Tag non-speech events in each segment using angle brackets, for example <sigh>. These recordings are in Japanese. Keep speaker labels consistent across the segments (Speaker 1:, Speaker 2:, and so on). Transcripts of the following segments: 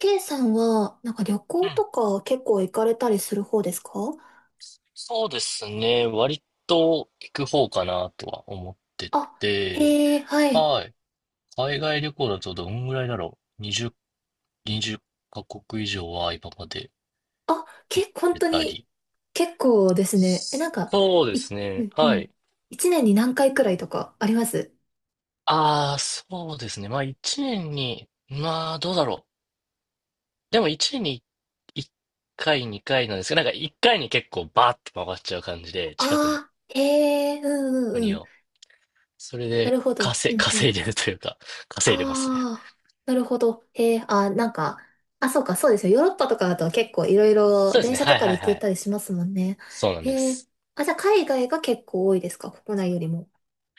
Speaker 1: K さんは、なんか旅
Speaker 2: う
Speaker 1: 行と
Speaker 2: ん。
Speaker 1: か結構行かれたりする方ですか？
Speaker 2: そうですね。割と行く方かなとは思って
Speaker 1: あ、
Speaker 2: て。
Speaker 1: へえ、はい。
Speaker 2: はい。海外旅行だとどんぐらいだろう。20カ国以上は今まで
Speaker 1: あ、
Speaker 2: 行っ
Speaker 1: 本
Speaker 2: て
Speaker 1: 当
Speaker 2: た
Speaker 1: に、
Speaker 2: り。
Speaker 1: 結構ですね。え、なんか、
Speaker 2: そうで
Speaker 1: い、
Speaker 2: す
Speaker 1: う
Speaker 2: ね。
Speaker 1: んう
Speaker 2: はい。
Speaker 1: ん。一年に何回くらいとかあります？
Speaker 2: ああ、そうですね。まあ1年に、まあどうだろう。でも1年に1回、2回なんですけど、なんか1回に結構バーって回っちゃう感じで、
Speaker 1: あ
Speaker 2: 近くの
Speaker 1: あー、へえ、うんうんう
Speaker 2: 国
Speaker 1: ん。
Speaker 2: を。それ
Speaker 1: な
Speaker 2: で
Speaker 1: るほど。うんう
Speaker 2: 稼
Speaker 1: ん。
Speaker 2: いでるというか、稼いでますね。
Speaker 1: ああ、なるほど。へえ、あー、なんか、あ、そうか、そうですよ。ヨーロッパとかだと結構いろいろ
Speaker 2: そうです
Speaker 1: 電
Speaker 2: ね。
Speaker 1: 車と
Speaker 2: はい
Speaker 1: かで
Speaker 2: はい
Speaker 1: 行
Speaker 2: は
Speaker 1: け
Speaker 2: い。
Speaker 1: たりしますもんね。
Speaker 2: そうなんで
Speaker 1: へえ、
Speaker 2: す。
Speaker 1: あ、じゃあ海外が結構多いですか、国内よりも？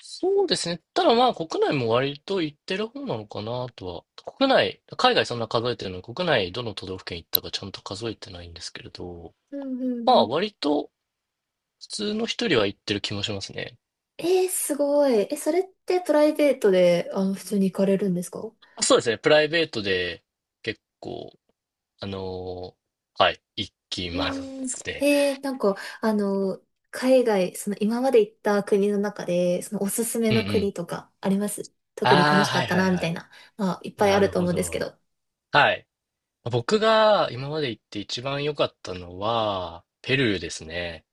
Speaker 2: そうですね。ただまあ国内も割と行ってる方なのかなとは。国内、海外そんな数えてるのに、国内どの都道府県行ったかちゃんと数えてないんですけれど、
Speaker 1: うんう
Speaker 2: ま
Speaker 1: んう
Speaker 2: あ
Speaker 1: ん。
Speaker 2: 割と普通の人よりは行ってる気もしますね。
Speaker 1: えー、すごい。え、それってプライベートで、普通に行かれるんですか？う
Speaker 2: あ、そうですね。プライベートで結構、あのはい、行きま
Speaker 1: ーん。
Speaker 2: すね。
Speaker 1: なんか、あの、海外、その今まで行った国の中で、そのおすすめ
Speaker 2: うんう
Speaker 1: の
Speaker 2: ん。
Speaker 1: 国とかあります？特に楽
Speaker 2: ああ、
Speaker 1: しか
Speaker 2: は
Speaker 1: っ
Speaker 2: い
Speaker 1: た
Speaker 2: はい
Speaker 1: な、み
Speaker 2: は
Speaker 1: たい
Speaker 2: い。
Speaker 1: な。まあ、いっぱいあ
Speaker 2: な
Speaker 1: る
Speaker 2: る
Speaker 1: と
Speaker 2: ほ
Speaker 1: 思うんですけ
Speaker 2: ど。
Speaker 1: ど。
Speaker 2: はい。僕が今まで行って一番良かったのは、ペルーですね。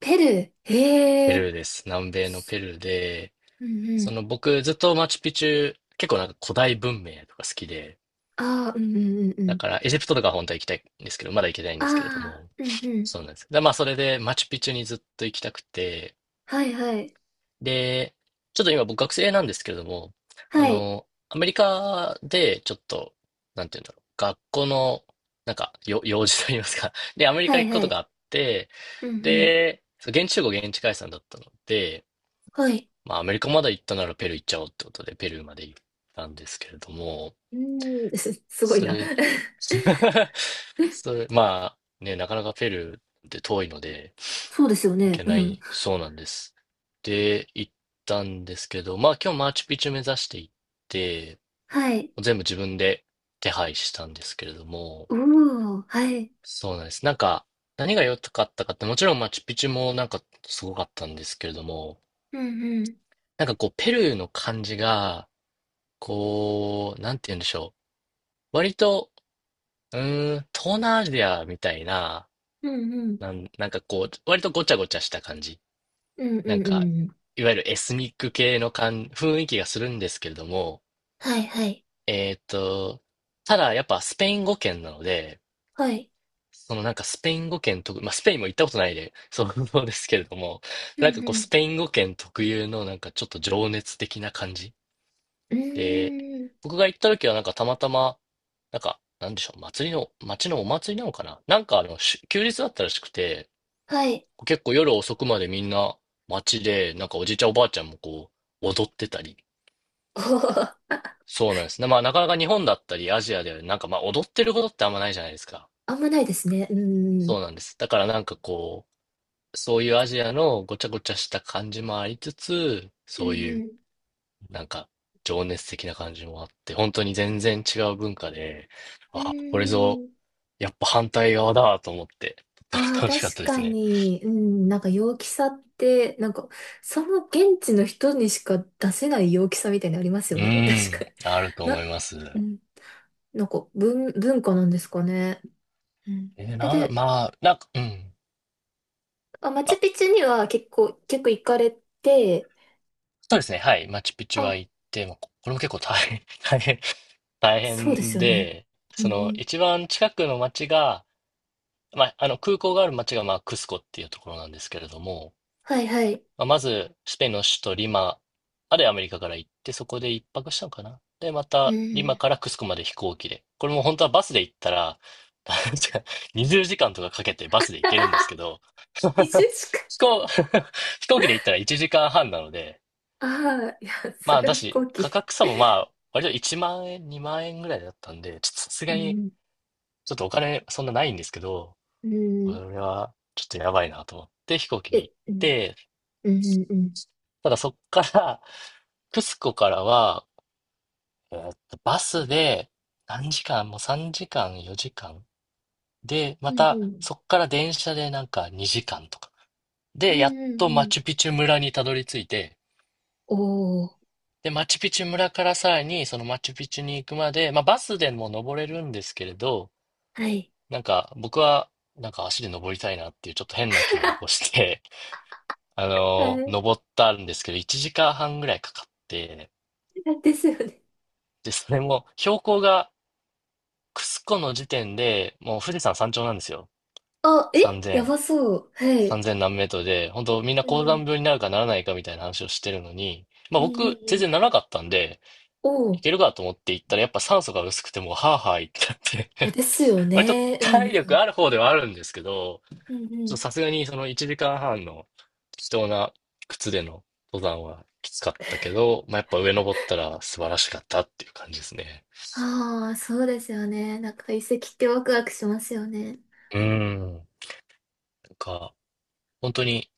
Speaker 1: ペルー。へ
Speaker 2: ペ
Speaker 1: え。
Speaker 2: ルーです。南米のペルーで、
Speaker 1: うんう
Speaker 2: そ
Speaker 1: ん。
Speaker 2: の僕ずっとマチュピチュ、結構なんか古代文明とか好きで、
Speaker 1: ああ、うんうんうんう
Speaker 2: だ
Speaker 1: ん。
Speaker 2: からエジプトとか本当は行きたいんですけど、まだ行けてないん
Speaker 1: あ
Speaker 2: ですけれど
Speaker 1: あ、
Speaker 2: も、
Speaker 1: うんうん。
Speaker 2: そうなんです。で、まあそれでマチュピチュにずっと行きたくて、
Speaker 1: はいはい。
Speaker 2: で、ちょっと今僕学生なんですけれども、あ
Speaker 1: はい。
Speaker 2: の、アメリカでちょっと、なんて言うんだろう、学校の、なんか、用事と言いますか。で、アメリ
Speaker 1: は
Speaker 2: カ
Speaker 1: い
Speaker 2: 行くこ
Speaker 1: は
Speaker 2: とが
Speaker 1: い。
Speaker 2: あって、
Speaker 1: うんうん。
Speaker 2: で、そう現地集合現地解散だったので、
Speaker 1: はい。
Speaker 2: まあ、アメリカまで行ったならペルー行っちゃおうってことで、ペルーまで行ったんですけれども、
Speaker 1: うーん、<laughs> すごい
Speaker 2: そ
Speaker 1: な。
Speaker 2: れ、
Speaker 1: <laughs>
Speaker 2: <laughs> それ、まあ、ね、なかなかペルーって遠いので、
Speaker 1: そうですよ
Speaker 2: 行
Speaker 1: ね。
Speaker 2: け
Speaker 1: う
Speaker 2: な
Speaker 1: ん。
Speaker 2: いそうなんです。で、行ったんですけど、まあ今日マーチュピチュ目指して行って、
Speaker 1: はい。
Speaker 2: 全部自分で手配したんですけれども、
Speaker 1: うおー、はい。
Speaker 2: そうなんです。なんか、何が良かったかって、もちろんマーチュピチュもなんかすごかったんですけれども、
Speaker 1: うんうん。
Speaker 2: なんかこう、ペルーの感じが、こう、なんて言うんでしょう。割と、東南アジアみたいな、
Speaker 1: うんうん。
Speaker 2: なんかこう、割とごちゃごちゃした感じ。
Speaker 1: うんう
Speaker 2: なん
Speaker 1: んう
Speaker 2: か、
Speaker 1: ん。
Speaker 2: いわゆるエスニック系の雰囲気がするんですけれども、
Speaker 1: はいはい。
Speaker 2: えーっと、ただやっぱスペイン語圏なので、
Speaker 1: はい。
Speaker 2: そのなんかスペイン語圏まあスペインも行ったことないで、そう <laughs> そうですけれども、
Speaker 1: う
Speaker 2: なんか
Speaker 1: んう
Speaker 2: こう
Speaker 1: ん。
Speaker 2: スペイン語圏特有のなんかちょっと情熱的な感じ
Speaker 1: う
Speaker 2: で、
Speaker 1: ーん。
Speaker 2: 僕が行った時はなんかたまたま、なんか、なんでしょう、祭りの、町のお祭りなのかななんかあの、休日だったらしくて、
Speaker 1: はい。
Speaker 2: 結構夜遅くまでみんな街で、なんかおじいちゃんおばあちゃんもこう、踊ってたり。
Speaker 1: <laughs> おー、
Speaker 2: そうなんですね。まあなかなか日本だったりアジアではなんかまあ踊ってることってあんまないじゃないですか。
Speaker 1: あんまないですね。うんう
Speaker 2: そう
Speaker 1: ん。
Speaker 2: なんです。だからなんかこう、そういうアジアのごちゃごちゃした感じもありつつ、
Speaker 1: う
Speaker 2: そういう
Speaker 1: ん
Speaker 2: なんか情熱的な感じもあって、本当に全然違う文化で、
Speaker 1: うん。
Speaker 2: あ、これぞ、
Speaker 1: うーん。
Speaker 2: やっぱ反対側だと思って、<laughs> とって
Speaker 1: あ
Speaker 2: も
Speaker 1: あ、
Speaker 2: 楽しかっ
Speaker 1: 確
Speaker 2: たです
Speaker 1: か
Speaker 2: ね。
Speaker 1: に。うん。なんか陽気さって、なんか、その現地の人にしか出せない陽気さみたいなのあります
Speaker 2: う
Speaker 1: よね。確
Speaker 2: ん、
Speaker 1: かに。
Speaker 2: あると思
Speaker 1: な、
Speaker 2: います。
Speaker 1: うん。なんか文化なんですかね。うん。
Speaker 2: えー
Speaker 1: え、
Speaker 2: な、
Speaker 1: で、
Speaker 2: まあ、なんか、うん。
Speaker 1: まあ、マチュ
Speaker 2: あ、
Speaker 1: ピチュには結構行かれて、
Speaker 2: そうですね。はい。マチュピチュは
Speaker 1: あ、
Speaker 2: 行って、まあここれも結構大変、<laughs> 大変、大
Speaker 1: そうです
Speaker 2: 変
Speaker 1: よね。
Speaker 2: で、
Speaker 1: う
Speaker 2: その、
Speaker 1: ん。
Speaker 2: 一番近くの町が、まあ、あの、空港がある町が、まあ、クスコっていうところなんですけれども、
Speaker 1: はいはい。
Speaker 2: まあ、まず、スペインの首都リマまでアメリカから行って、そこで一泊したのかな。で、ま
Speaker 1: う
Speaker 2: た、リマ
Speaker 1: ん。
Speaker 2: からクスコまで飛行機で。これも本当はバスで行ったら、<laughs> 確か20時間とかかけてバスで行けるんですけ
Speaker 1: <laughs>
Speaker 2: ど、
Speaker 1: 移住しか。
Speaker 2: <laughs> 飛行、<laughs> 飛行機で行ったら1時間半なので、
Speaker 1: ああ、いや、
Speaker 2: ま
Speaker 1: そ
Speaker 2: あ、
Speaker 1: れは
Speaker 2: だ
Speaker 1: 飛行
Speaker 2: し、
Speaker 1: 機。
Speaker 2: 価格差もまあ、割と1万円、2万円ぐらいだったんで、ちょっとさす
Speaker 1: う
Speaker 2: がに、
Speaker 1: ん。
Speaker 2: ちょっとお金そんなないんですけど、
Speaker 1: う
Speaker 2: こ
Speaker 1: ん。
Speaker 2: れはちょっとやばいなと思って飛行機で
Speaker 1: え、
Speaker 2: 行っ
Speaker 1: うん。
Speaker 2: て、
Speaker 1: うん。うん。
Speaker 2: ただそっから、<laughs> クスコからは、バスで何時間、もう3時間、4時間。で、
Speaker 1: う
Speaker 2: ま
Speaker 1: ん。う
Speaker 2: た
Speaker 1: ん。
Speaker 2: そっから電車でなんか2時間とか。
Speaker 1: う
Speaker 2: で、やっ
Speaker 1: んうん
Speaker 2: と
Speaker 1: う
Speaker 2: マ
Speaker 1: ん。
Speaker 2: チュピチュ村にたどり着いて、
Speaker 1: おー。
Speaker 2: で、マチュピチュ村からさらにそのマチュピチュに行くまで、まあバスでも登れるんですけれど、
Speaker 1: はい。
Speaker 2: なんか僕はなんか足で登りたいなっていうちょっと変な気を起こ
Speaker 1: <laughs>
Speaker 2: して、<laughs>
Speaker 1: は
Speaker 2: 登ったんですけど、1時間半ぐらいかかって、
Speaker 1: い。ですよね。
Speaker 2: で、それも標高がクスコの時点で、もう富士山山頂なんですよ。
Speaker 1: あ、え、や
Speaker 2: 3000、
Speaker 1: ばそう。はい。
Speaker 2: 3000何メートルで、本当みんな
Speaker 1: う
Speaker 2: 高山
Speaker 1: ん。
Speaker 2: 病になるかならないかみたいな話をしてるのに、ま
Speaker 1: う
Speaker 2: あ
Speaker 1: ん。うん。
Speaker 2: 僕、全
Speaker 1: う
Speaker 2: 然な
Speaker 1: ん。
Speaker 2: らなかったんで、
Speaker 1: お
Speaker 2: い
Speaker 1: ー。
Speaker 2: けるかと思って行ったら、やっぱ酸素が薄くてもう、はぁはぁ言ってなっ
Speaker 1: え、
Speaker 2: て
Speaker 1: ですよ
Speaker 2: <laughs> 割と
Speaker 1: ね。う
Speaker 2: 体
Speaker 1: ん。
Speaker 2: 力ある方ではあるんですけど、
Speaker 1: うん。う
Speaker 2: ちょっとさ
Speaker 1: ん。
Speaker 2: すがにその1時間半の適当な靴での登山はきつかったけど、まあやっぱ上登ったら素晴らしかったっていう感じですね。
Speaker 1: ああ、そうですよね。なんか遺跡ってワクワクしますよね。
Speaker 2: うん。なんか、本当に、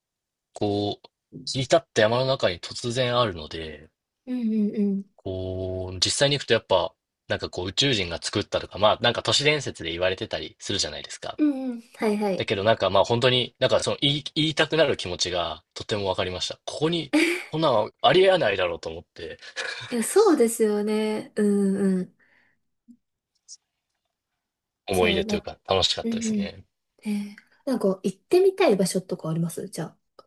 Speaker 2: こう、切り立った山の中に突然あるので、
Speaker 1: うんうんうん。
Speaker 2: こう、実際に行くとやっぱ、なんかこう宇宙人が作ったとか、まあなんか都市伝説で言われてたりするじゃないですか。
Speaker 1: うんうん。はいは
Speaker 2: だ
Speaker 1: い。
Speaker 2: けどなんかまあ本当に、なんかその言いたくなる気持ちがとてもわかりました。ここに、
Speaker 1: <laughs>
Speaker 2: こんなのありえないだろうと思って
Speaker 1: いや、そうですよね。うんうん。じ
Speaker 2: 思
Speaker 1: ゃ
Speaker 2: い出
Speaker 1: あ、
Speaker 2: というか楽しか
Speaker 1: う
Speaker 2: っ
Speaker 1: んう
Speaker 2: たです
Speaker 1: ん。
Speaker 2: ね。
Speaker 1: えー、なんか行ってみたい場所とかありますじゃあ？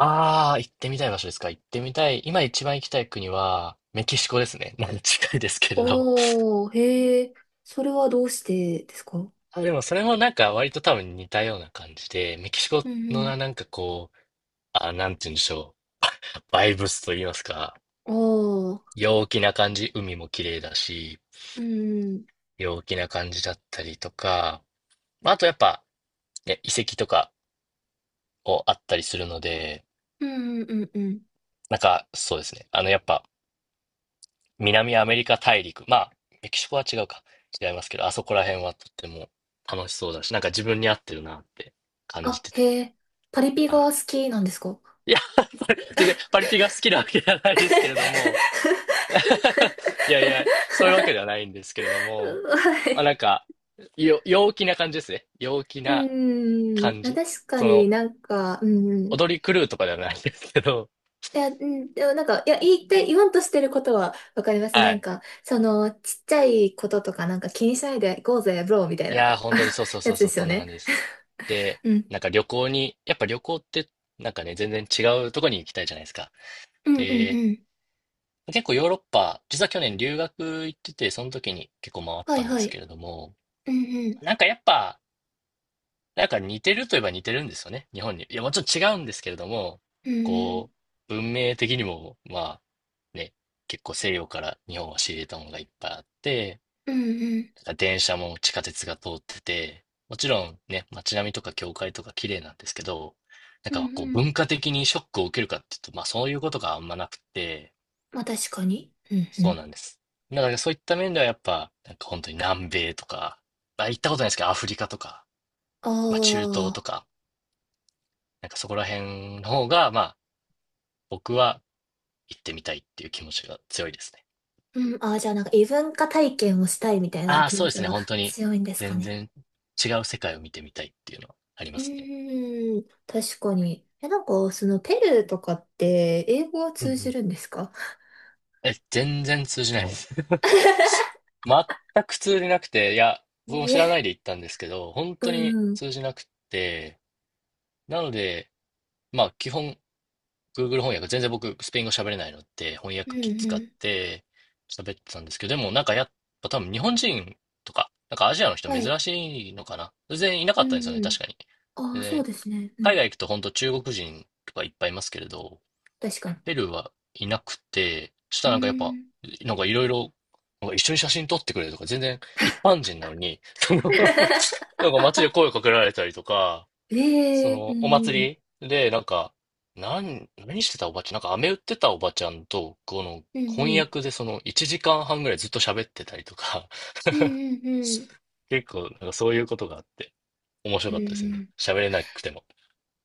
Speaker 2: ああ、行ってみたい場所ですか。行ってみたい。今一番行きたい国はメキシコですね。<laughs> 近いですけれど。
Speaker 1: おー、へえ、それはどうしてですか？
Speaker 2: あ、でもそれもなんか割と多分似たような感じで、メキシコ
Speaker 1: うんう
Speaker 2: のな
Speaker 1: ん。
Speaker 2: んかこう、あ、なんて言うんでしょう。バイブスと言いますか。
Speaker 1: おー、
Speaker 2: 陽気な感じ、海も綺麗だし、
Speaker 1: うんうん。
Speaker 2: 陽気な感じだったりとか、まああとやっぱ、ね、遺跡とかをあったりするので、
Speaker 1: うんうんうんうん。
Speaker 2: なんかそうですね。あのやっぱ南アメリカ大陸、まあメキシコは違うか、違いますけど、あそこら辺はとっても楽しそうだし、なんか自分に合ってるなって感じ
Speaker 1: あ、
Speaker 2: てて。
Speaker 1: へえ、パリピ
Speaker 2: はい、
Speaker 1: が好きなんですか？ <laughs>
Speaker 2: いや、全然パリピが好きなわけじゃないですけれども、<laughs> いやいや、そういうわけではないんですけれども、
Speaker 1: は
Speaker 2: まあな
Speaker 1: い。
Speaker 2: んか、陽気な感じですね。陽気
Speaker 1: う
Speaker 2: な
Speaker 1: ー
Speaker 2: 感
Speaker 1: ん、あ、
Speaker 2: じ。
Speaker 1: 確か
Speaker 2: そ
Speaker 1: に
Speaker 2: の、
Speaker 1: なんか、うん。
Speaker 2: 踊り狂うとかではないんですけど、
Speaker 1: いや、うん、でもなんか、いや、言いたい、言わんとしてることはわかります。
Speaker 2: は
Speaker 1: なん
Speaker 2: い。
Speaker 1: か、その、ちっちゃいこととかなんか気にしないで行こうぜ、ブローみたい
Speaker 2: いやー、
Speaker 1: な
Speaker 2: 本当にそ
Speaker 1: <laughs>
Speaker 2: うそうそ
Speaker 1: や
Speaker 2: う
Speaker 1: つで
Speaker 2: そう、
Speaker 1: す
Speaker 2: そ
Speaker 1: よ
Speaker 2: んな
Speaker 1: ね。
Speaker 2: 感じです。で、
Speaker 1: <laughs> うん。
Speaker 2: なんか旅行に、やっぱ旅行って、なんかね、全然違うとこに行きたいじゃないですか。
Speaker 1: うんうん
Speaker 2: で、
Speaker 1: うん。
Speaker 2: 結構ヨーロッパ、実は去年留学行ってて、その時に結構回っ
Speaker 1: は
Speaker 2: た
Speaker 1: い
Speaker 2: んで
Speaker 1: は
Speaker 2: すけ
Speaker 1: い。
Speaker 2: れども、
Speaker 1: うんうん。
Speaker 2: なんかやっぱ、なんか似てるといえば似てるんですよね、日本に。いや、もちろん違うんですけれども、
Speaker 1: うん
Speaker 2: こう、文明的にも、まあ、ね、結構西洋から日本は仕入れたものがいっぱいあって、
Speaker 1: うん。うんうん。
Speaker 2: 電車も地下鉄が通ってて、もちろんね、街並みとか教会とか綺麗なんですけど、なん
Speaker 1: うん
Speaker 2: かこう
Speaker 1: うん。
Speaker 2: 文化的にショックを受けるかっていうと、まあそういうことがあんまなくて、
Speaker 1: まあ確かに。うんう
Speaker 2: そう
Speaker 1: ん。
Speaker 2: なんです。だからそういった面ではやっぱ、なんか本当に南米とか、まあ行ったことないですけど、アフリカとか、
Speaker 1: あ
Speaker 2: まあ中東と
Speaker 1: あ。
Speaker 2: か、なんかそこら辺の方が、まあ、僕は行ってみたいっていう気持ちが強いですね。
Speaker 1: うん。ああ、じゃあなんか異文化体験をしたいみたいな
Speaker 2: ああ、
Speaker 1: 気
Speaker 2: そ
Speaker 1: 持
Speaker 2: うで
Speaker 1: ち
Speaker 2: すね。
Speaker 1: が
Speaker 2: 本当に、
Speaker 1: 強いんですか
Speaker 2: 全
Speaker 1: ね。
Speaker 2: 然違う世界を見てみたいっていうのはあり
Speaker 1: う
Speaker 2: ますね。
Speaker 1: ーん、確かに。え、なんか、その、ペルーとかって、英語は
Speaker 2: うんう
Speaker 1: 通じ
Speaker 2: ん。
Speaker 1: るんですか？
Speaker 2: え、全然通じないです。<laughs> 全く通じなくて、いや、僕も
Speaker 1: え <laughs>
Speaker 2: 知
Speaker 1: え、
Speaker 2: らないで行ったんですけど、本
Speaker 1: う
Speaker 2: 当に
Speaker 1: んうん、
Speaker 2: 通じなくて、なので、まあ、基本 Google 翻訳、全然僕、スペイン語喋れないので、翻
Speaker 1: うん
Speaker 2: 訳機使
Speaker 1: う
Speaker 2: っ
Speaker 1: ん。
Speaker 2: て喋ってたんですけど、でもなんかやっぱ多分日本人とか、なんかアジアの人
Speaker 1: は
Speaker 2: 珍
Speaker 1: い。
Speaker 2: しいのかな。全然いなか
Speaker 1: う
Speaker 2: ったんですよね、
Speaker 1: んうん。
Speaker 2: 確かに。
Speaker 1: あ
Speaker 2: で
Speaker 1: あ、そう
Speaker 2: ね、
Speaker 1: ですね。う
Speaker 2: 海
Speaker 1: ん。
Speaker 2: 外行くと本当中国人とかいっぱいいますけれど、
Speaker 1: 確かに。
Speaker 2: ペルーはいなくて、そした
Speaker 1: う
Speaker 2: らなんかやっぱ、
Speaker 1: ーん。
Speaker 2: なんかいろいろ、なんか一緒に写真撮ってくれるとか、全然一般人なのに、その <laughs>
Speaker 1: <laughs>
Speaker 2: なんか街で声かけられたりとか、そ
Speaker 1: ええ、う
Speaker 2: の、お
Speaker 1: んうん。
Speaker 2: 祭りで、なんか、何してたおばちゃん、なんか飴売ってたおばちゃんと、この、
Speaker 1: うんう
Speaker 2: 翻
Speaker 1: ん。
Speaker 2: 訳でその、1時間半ぐらいずっと喋ってたりとか、
Speaker 1: うんうんうん
Speaker 2: <laughs> 結構、なんかそういうことがあって、面白
Speaker 1: はいう
Speaker 2: かったです
Speaker 1: んう
Speaker 2: ね。
Speaker 1: ん。
Speaker 2: 喋れなくても。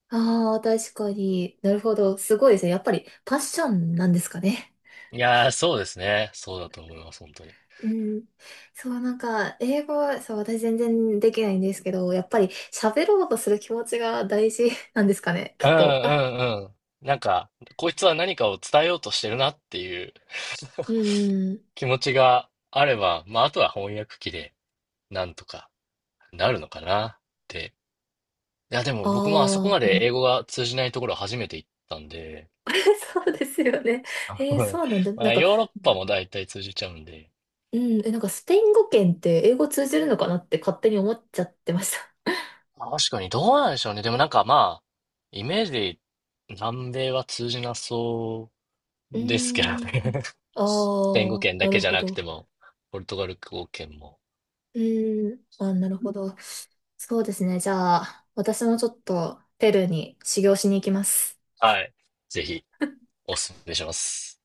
Speaker 1: ああー、確かに。なるほど。すごいですね。やっぱり、パッションなんですかね。
Speaker 2: いやー、そうですね。そうだと思います、本当に。
Speaker 1: うん。そう、なんか、英語は、そう、私全然できないんですけど、やっぱり喋ろうとする気持ちが大事なんですかね、
Speaker 2: う
Speaker 1: き
Speaker 2: ん
Speaker 1: っ
Speaker 2: う
Speaker 1: と。あ、
Speaker 2: んうん。なんか、こいつは何かを伝えようとしてるなっていう
Speaker 1: うん。
Speaker 2: 気持ちがあれば、まあ、あとは翻訳機で、なんとかなるのかなって。いや、でも僕もあそこ
Speaker 1: ああ、
Speaker 2: ま
Speaker 1: う
Speaker 2: で
Speaker 1: ん。
Speaker 2: 英語が通じないところ初めて行ったんで、
Speaker 1: <laughs> そうですよね。
Speaker 2: あ
Speaker 1: えー
Speaker 2: の
Speaker 1: そうなんだ。
Speaker 2: <laughs> ま
Speaker 1: なん
Speaker 2: あ、
Speaker 1: か、
Speaker 2: ヨーロッパも大体通じちゃうんで、
Speaker 1: うん、え、なんかスペイン語圏って英語通じるのかなって勝手に思っちゃってました。
Speaker 2: まあ確かにどうなんでしょうね。でもなんかまあ、イメージで南米は通じなそ
Speaker 1: <laughs> う
Speaker 2: うですけど
Speaker 1: ーん。
Speaker 2: ね。
Speaker 1: あ
Speaker 2: <laughs> スペイン語
Speaker 1: あ、
Speaker 2: 圏だ
Speaker 1: な
Speaker 2: け
Speaker 1: る
Speaker 2: じゃ
Speaker 1: ほ
Speaker 2: なく
Speaker 1: ど。
Speaker 2: ても、ポルトガル語圏も。
Speaker 1: うーん。あ、なるほど。そうですね。じゃあ、私もちょっとペルーに修行しに行きます。
Speaker 2: はい。ぜひおすすめします。